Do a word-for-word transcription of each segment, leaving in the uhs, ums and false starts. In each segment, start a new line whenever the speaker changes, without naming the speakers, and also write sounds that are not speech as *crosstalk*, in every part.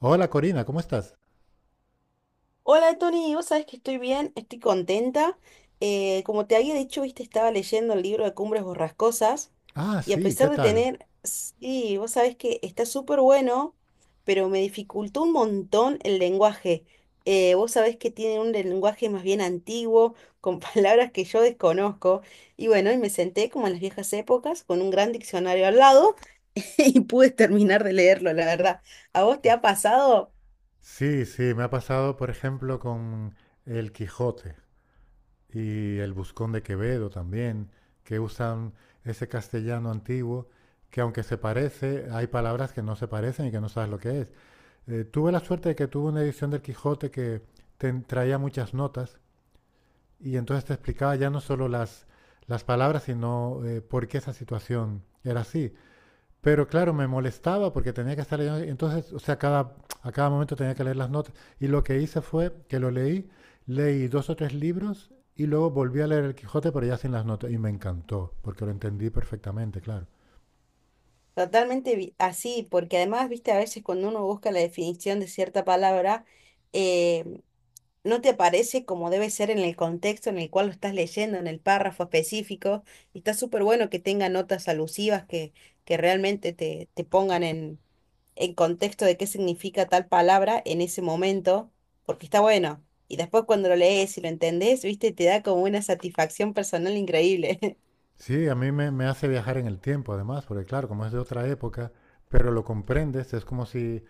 Hola Corina, ¿cómo estás?
Hola Tony, vos sabés que estoy bien, estoy contenta. Eh, como te había dicho, viste, estaba leyendo el libro de Cumbres Borrascosas
Ah,
y a
sí, ¿qué
pesar de
tal?
tener, sí, vos sabés que está súper bueno, pero me dificultó un montón el lenguaje. Eh, vos sabés que tiene un lenguaje más bien antiguo, con *laughs* palabras que yo desconozco. Y bueno, y me senté como en las viejas épocas con un gran diccionario al lado *laughs* y pude terminar de leerlo, la verdad. ¿A vos te ha pasado?
Sí, sí, me ha pasado, por ejemplo, con El Quijote y El Buscón de Quevedo también, que usan ese castellano antiguo, que aunque se parece, hay palabras que no se parecen y que no sabes lo que es. Eh, tuve la suerte de que tuve una edición del Quijote que te traía muchas notas y entonces te explicaba ya no solo las, las palabras, sino eh, por qué esa situación era así. Pero claro, me molestaba porque tenía que estar leyendo. Entonces, o sea, cada, a cada momento tenía que leer las notas. Y lo que hice fue que lo leí, leí dos o tres libros y luego volví a leer El Quijote, pero ya sin las notas. Y me encantó, porque lo entendí perfectamente, claro.
Totalmente vi- así, porque además, viste, a veces cuando uno busca la definición de cierta palabra, eh, no te aparece como debe ser en el contexto en el cual lo estás leyendo, en el párrafo específico, y está súper bueno que tenga notas alusivas que, que realmente te, te pongan en, en contexto de qué significa tal palabra en ese momento, porque está bueno. Y después cuando lo lees y lo entendés, viste, te da como una satisfacción personal increíble.
Sí, a mí me, me hace viajar en el tiempo, además, porque claro, como es de otra época, pero lo comprendes, es como si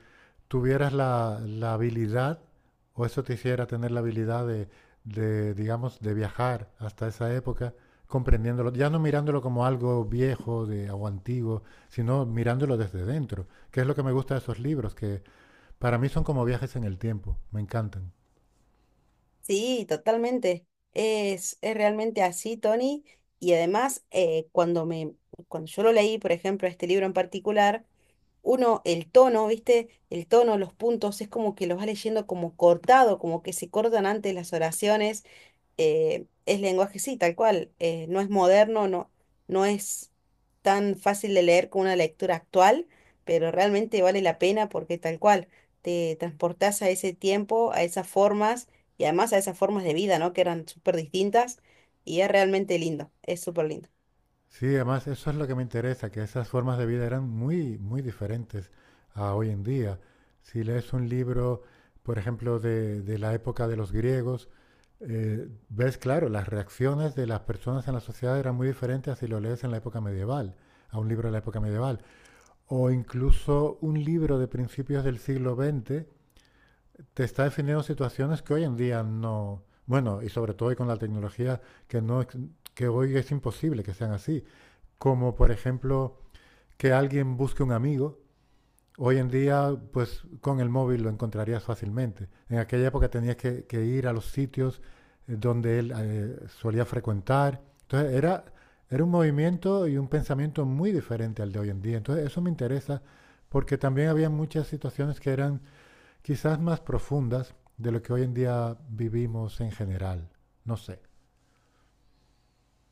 tuvieras la, la habilidad, o eso te hiciera tener la habilidad de, de, digamos, de viajar hasta esa época, comprendiéndolo, ya no mirándolo como algo viejo de, o antiguo, sino mirándolo desde dentro, que es lo que me gusta de esos libros, que para mí son como viajes en el tiempo, me encantan.
Sí, totalmente. Es, es realmente así, Tony. Y además, eh, cuando me, cuando yo lo leí, por ejemplo, este libro en particular, uno, el tono, ¿viste? El tono, los puntos, es como que los va leyendo como cortado, como que se cortan antes las oraciones. Eh, es lenguaje, sí, tal cual, eh, no es moderno, no, no es tan fácil de leer como una lectura actual, pero realmente vale la pena porque tal cual, te transportás a ese tiempo, a esas formas y además a esas formas de vida, ¿no? Que eran súper distintas y es realmente lindo, es súper lindo.
Sí, además eso es lo que me interesa, que esas formas de vida eran muy, muy diferentes a hoy en día. Si lees un libro, por ejemplo, de, de la época de los griegos, eh, ves, claro, las reacciones de las personas en la sociedad eran muy diferentes a si lo lees en la época medieval, a un libro de la época medieval. O incluso un libro de principios del siglo veinte te está definiendo situaciones que hoy en día no... Bueno, y sobre todo hoy con la tecnología, que, no, ex- que hoy es imposible que sean así como por ejemplo que alguien busque un amigo. Hoy en día, pues con el móvil lo encontrarías fácilmente. En aquella época tenías que, que ir a los sitios eh, donde él eh, solía frecuentar. Entonces era, era un movimiento y un pensamiento muy diferente al de hoy en día. Entonces eso me interesa porque también había muchas situaciones que eran quizás más profundas de lo que hoy en día vivimos en general. No sé.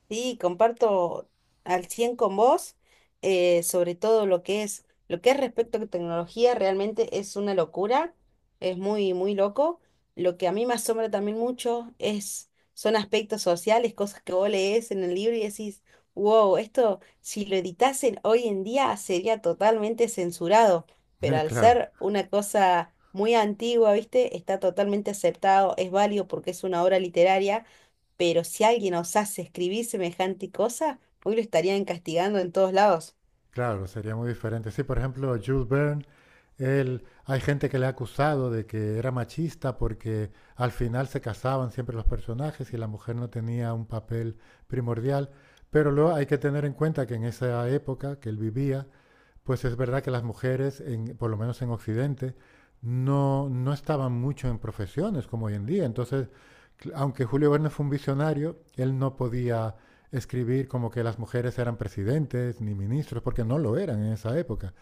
Sí, comparto al cien con vos, eh, sobre todo lo que es, lo que es respecto a tecnología, realmente es una locura, es muy, muy loco. Lo que a mí me asombra también mucho es, son aspectos sociales, cosas que vos lees en el libro y decís, wow, esto si lo editasen hoy en día sería totalmente censurado, pero
*laughs*
al
Claro,
ser una cosa muy antigua, ¿viste? Está totalmente aceptado, es válido porque es una obra literaria, pero si alguien osase escribir semejante cosa, hoy lo estarían castigando en todos lados.
claro, sería muy diferente. Sí, por ejemplo, Jules Verne. Él, hay gente que le ha acusado de que era machista porque al final se casaban siempre los personajes y la mujer no tenía un papel primordial. Pero luego hay que tener en cuenta que en esa época que él vivía, pues es verdad que las mujeres, en- por lo menos en Occidente, no, no estaban mucho en profesiones como hoy en día. Entonces, aunque Julio Verne fue un visionario, él no podía escribir como que las mujeres eran presidentes ni ministros, porque no lo eran en esa época.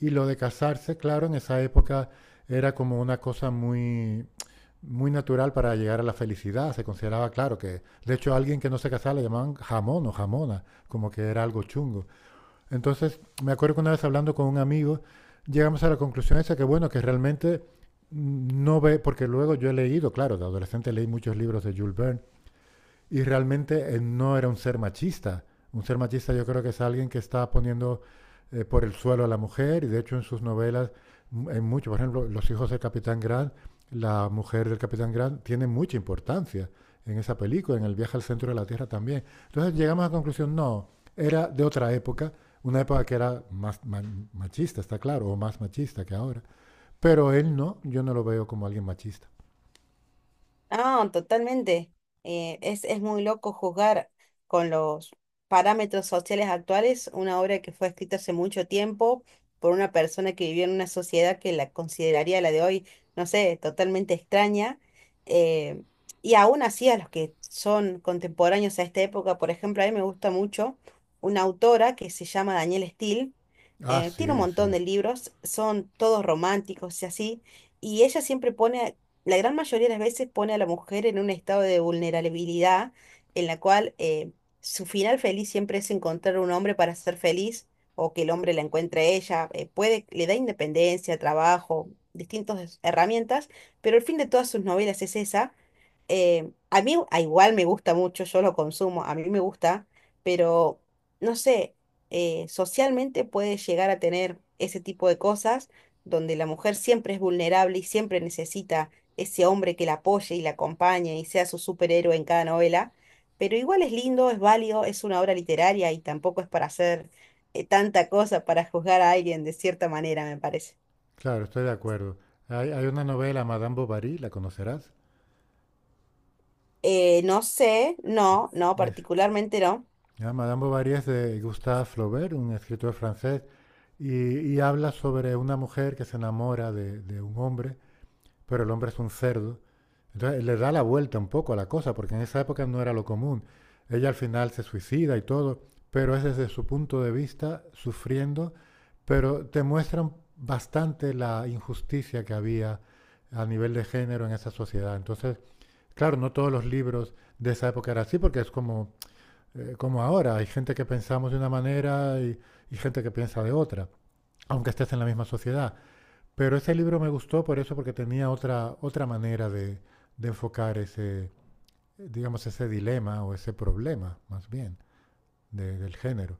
Y lo de casarse, claro, en esa época era como una cosa muy, muy natural para llegar a la felicidad. Se consideraba, claro, que de hecho a alguien que no se casaba le llamaban jamón o jamona, como que era algo chungo. Entonces, me acuerdo que una vez hablando con un amigo, llegamos a la conclusión esa que, bueno, que realmente no ve, porque luego yo he leído, claro, de adolescente leí muchos libros de Jules Verne, y realmente él no era un ser machista. Un ser machista yo creo que es alguien que está poniendo eh, por el suelo a la mujer y de hecho en sus novelas, en mucho, por ejemplo, Los hijos del capitán Grant, la mujer del capitán Grant tiene mucha importancia en esa película, en el viaje al centro de la Tierra también. Entonces llegamos a la conclusión, no, era de otra época, una época que era más machista, está claro, o más machista que ahora. Pero él no, yo no lo veo como alguien machista.
Ah, totalmente. Eh, es, es muy loco juzgar con los parámetros sociales actuales una obra que fue escrita hace mucho tiempo por una persona que vivió en una sociedad que la consideraría la de hoy, no sé, totalmente extraña. eh, y aún así a los que son contemporáneos a esta época, por ejemplo, a mí me gusta mucho una autora que se llama Danielle Steele.
Ah,
Eh, tiene un
sí,
montón
sí.
de libros, son todos románticos y así, y ella siempre pone, la gran mayoría de las veces, pone a la mujer en un estado de vulnerabilidad en la cual eh, su final feliz siempre es encontrar un hombre para ser feliz o que el hombre la encuentre a ella. Eh, puede, le da independencia, trabajo, distintas herramientas, pero el fin de todas sus novelas es esa. Eh, a mí a igual me gusta mucho, yo lo consumo, a mí me gusta, pero no sé, eh, socialmente puede llegar a tener ese tipo de cosas donde la mujer siempre es vulnerable y siempre necesita ese hombre que la apoye y la acompañe y sea su superhéroe en cada novela, pero igual es lindo, es válido, es una obra literaria y tampoco es para hacer, eh, tanta cosa para juzgar a alguien de cierta manera, me parece.
Claro, estoy de acuerdo. Hay, hay una novela, Madame Bovary, ¿la conocerás?
Eh, no sé, no, no,
Es-
particularmente no.
ya, Madame Bovary es de Gustave Flaubert, un escritor francés, y, y habla sobre una mujer que se enamora de, de un hombre, pero el hombre es un cerdo. Entonces le da la vuelta un poco a la cosa, porque en esa época no era lo común. Ella al final se suicida y todo, pero es desde su punto de vista, sufriendo, pero te muestran bastante la injusticia que había a nivel de género en esa sociedad. Entonces claro, no todos los libros de esa época eran así, porque es como, eh, como ahora. Hay gente que pensamos de una manera y, y gente que piensa de otra, aunque estés en la misma sociedad. Pero ese libro me gustó por eso, porque tenía otra, otra manera de, de enfocar ese, digamos, ese dilema o ese problema, más bien, de- del género.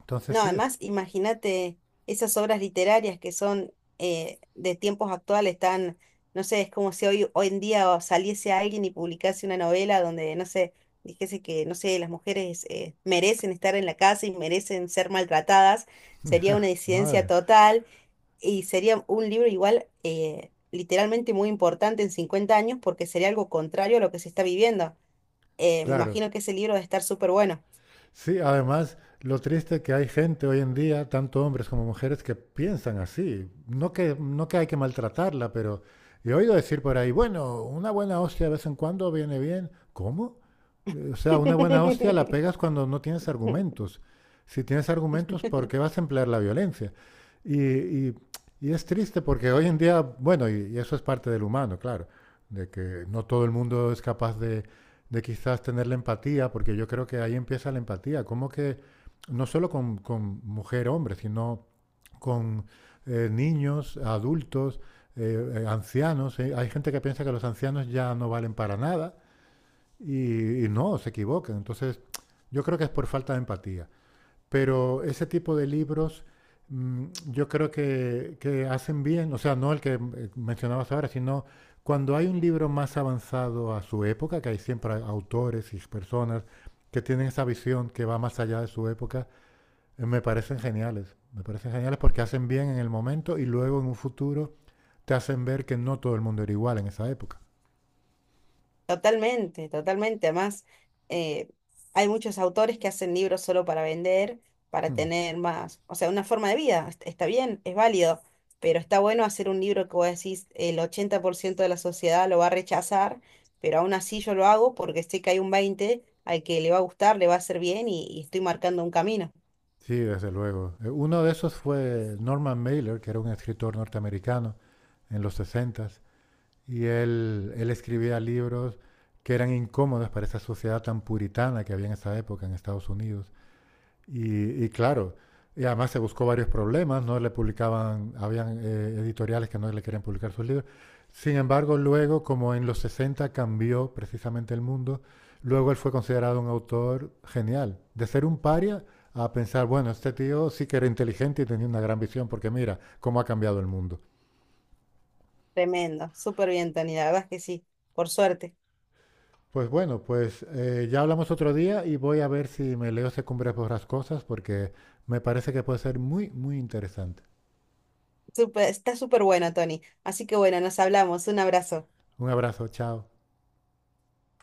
Entonces
No,
sí, es,
además, imagínate esas obras literarias que son, eh, de tiempos actuales tan, no sé, es como si hoy, hoy en día saliese alguien y publicase una novela donde, no sé, dijese que, no sé, las mujeres eh, merecen estar en la casa y merecen ser maltratadas, sería una disidencia
madre,
total y sería un libro igual eh, literalmente muy importante en cincuenta años porque sería algo contrario a lo que se está viviendo. Eh, me
claro.
imagino que ese libro va a estar súper bueno.
Sí, además, lo triste que hay gente hoy en día, tanto hombres como mujeres, que piensan así. No que, no que hay que maltratarla, pero he oído decir por ahí, bueno, una buena hostia de vez en cuando viene bien. ¿Cómo? Eh, O sea, una buena hostia la pegas cuando no tienes
*laughs*
argumentos. Si tienes argumentos, ¿por qué vas a emplear la violencia? Y, y- y es triste porque hoy en día, bueno, y, y eso es parte del humano, claro, de que no todo el mundo es capaz de de quizás tener la empatía, porque yo creo que ahí empieza la empatía. ¿Cómo que no solo con, con mujer, hombre, sino con eh, niños, adultos, eh, eh, ancianos? ¿Eh? Hay gente que piensa que los ancianos ya no valen para nada y, y no, se equivocan. Entonces, yo creo que es por falta de empatía. Pero ese tipo de libros mm, yo creo que, que hacen bien, o sea, no el que eh, mencionabas ahora, sino cuando hay un libro más avanzado a su época, que hay siempre a- autores y personas que tienen esa visión que va más allá de su época, eh, me parecen geniales. Me parecen geniales porque hacen bien en el momento y luego en un futuro te hacen ver que no todo el mundo era igual en esa época.
Totalmente, totalmente. Además, eh, hay muchos autores que hacen libros solo para vender, para
Hmm.
tener más, o sea, una forma de vida. est- Está bien, es válido, pero está bueno hacer un libro que vos decís el ochenta por ciento de la sociedad lo va a rechazar, pero aún así yo lo hago porque sé que hay un veinte al que le va a gustar, le va a hacer bien y, y estoy marcando un camino.
Sí, desde luego. Eh, Uno de esos fue Norman Mailer, que era un escritor norteamericano en los sesenta. Y él, él escribía libros que eran incómodos para esa sociedad tan puritana que había en esa época en Estados Unidos. Y, y claro, y además se buscó varios problemas, no le publicaban, habían eh, editoriales que no le querían publicar sus libros. Sin embargo, luego, como en los sesenta cambió precisamente el mundo, luego él fue considerado un autor genial. De ser un paria a pensar, bueno, este tío sí que era inteligente y tenía una gran visión, porque mira cómo ha cambiado el mundo.
Tremendo, súper bien, Tony, la verdad es que sí, por suerte.
Pues bueno, pues eh, ya hablamos otro día y voy a ver si me leo Cumbres Borrascosas porque me parece que puede ser muy, muy interesante.
Súper- está súper bueno, Tony. Así que bueno, nos hablamos. Un abrazo.
Un abrazo, chao.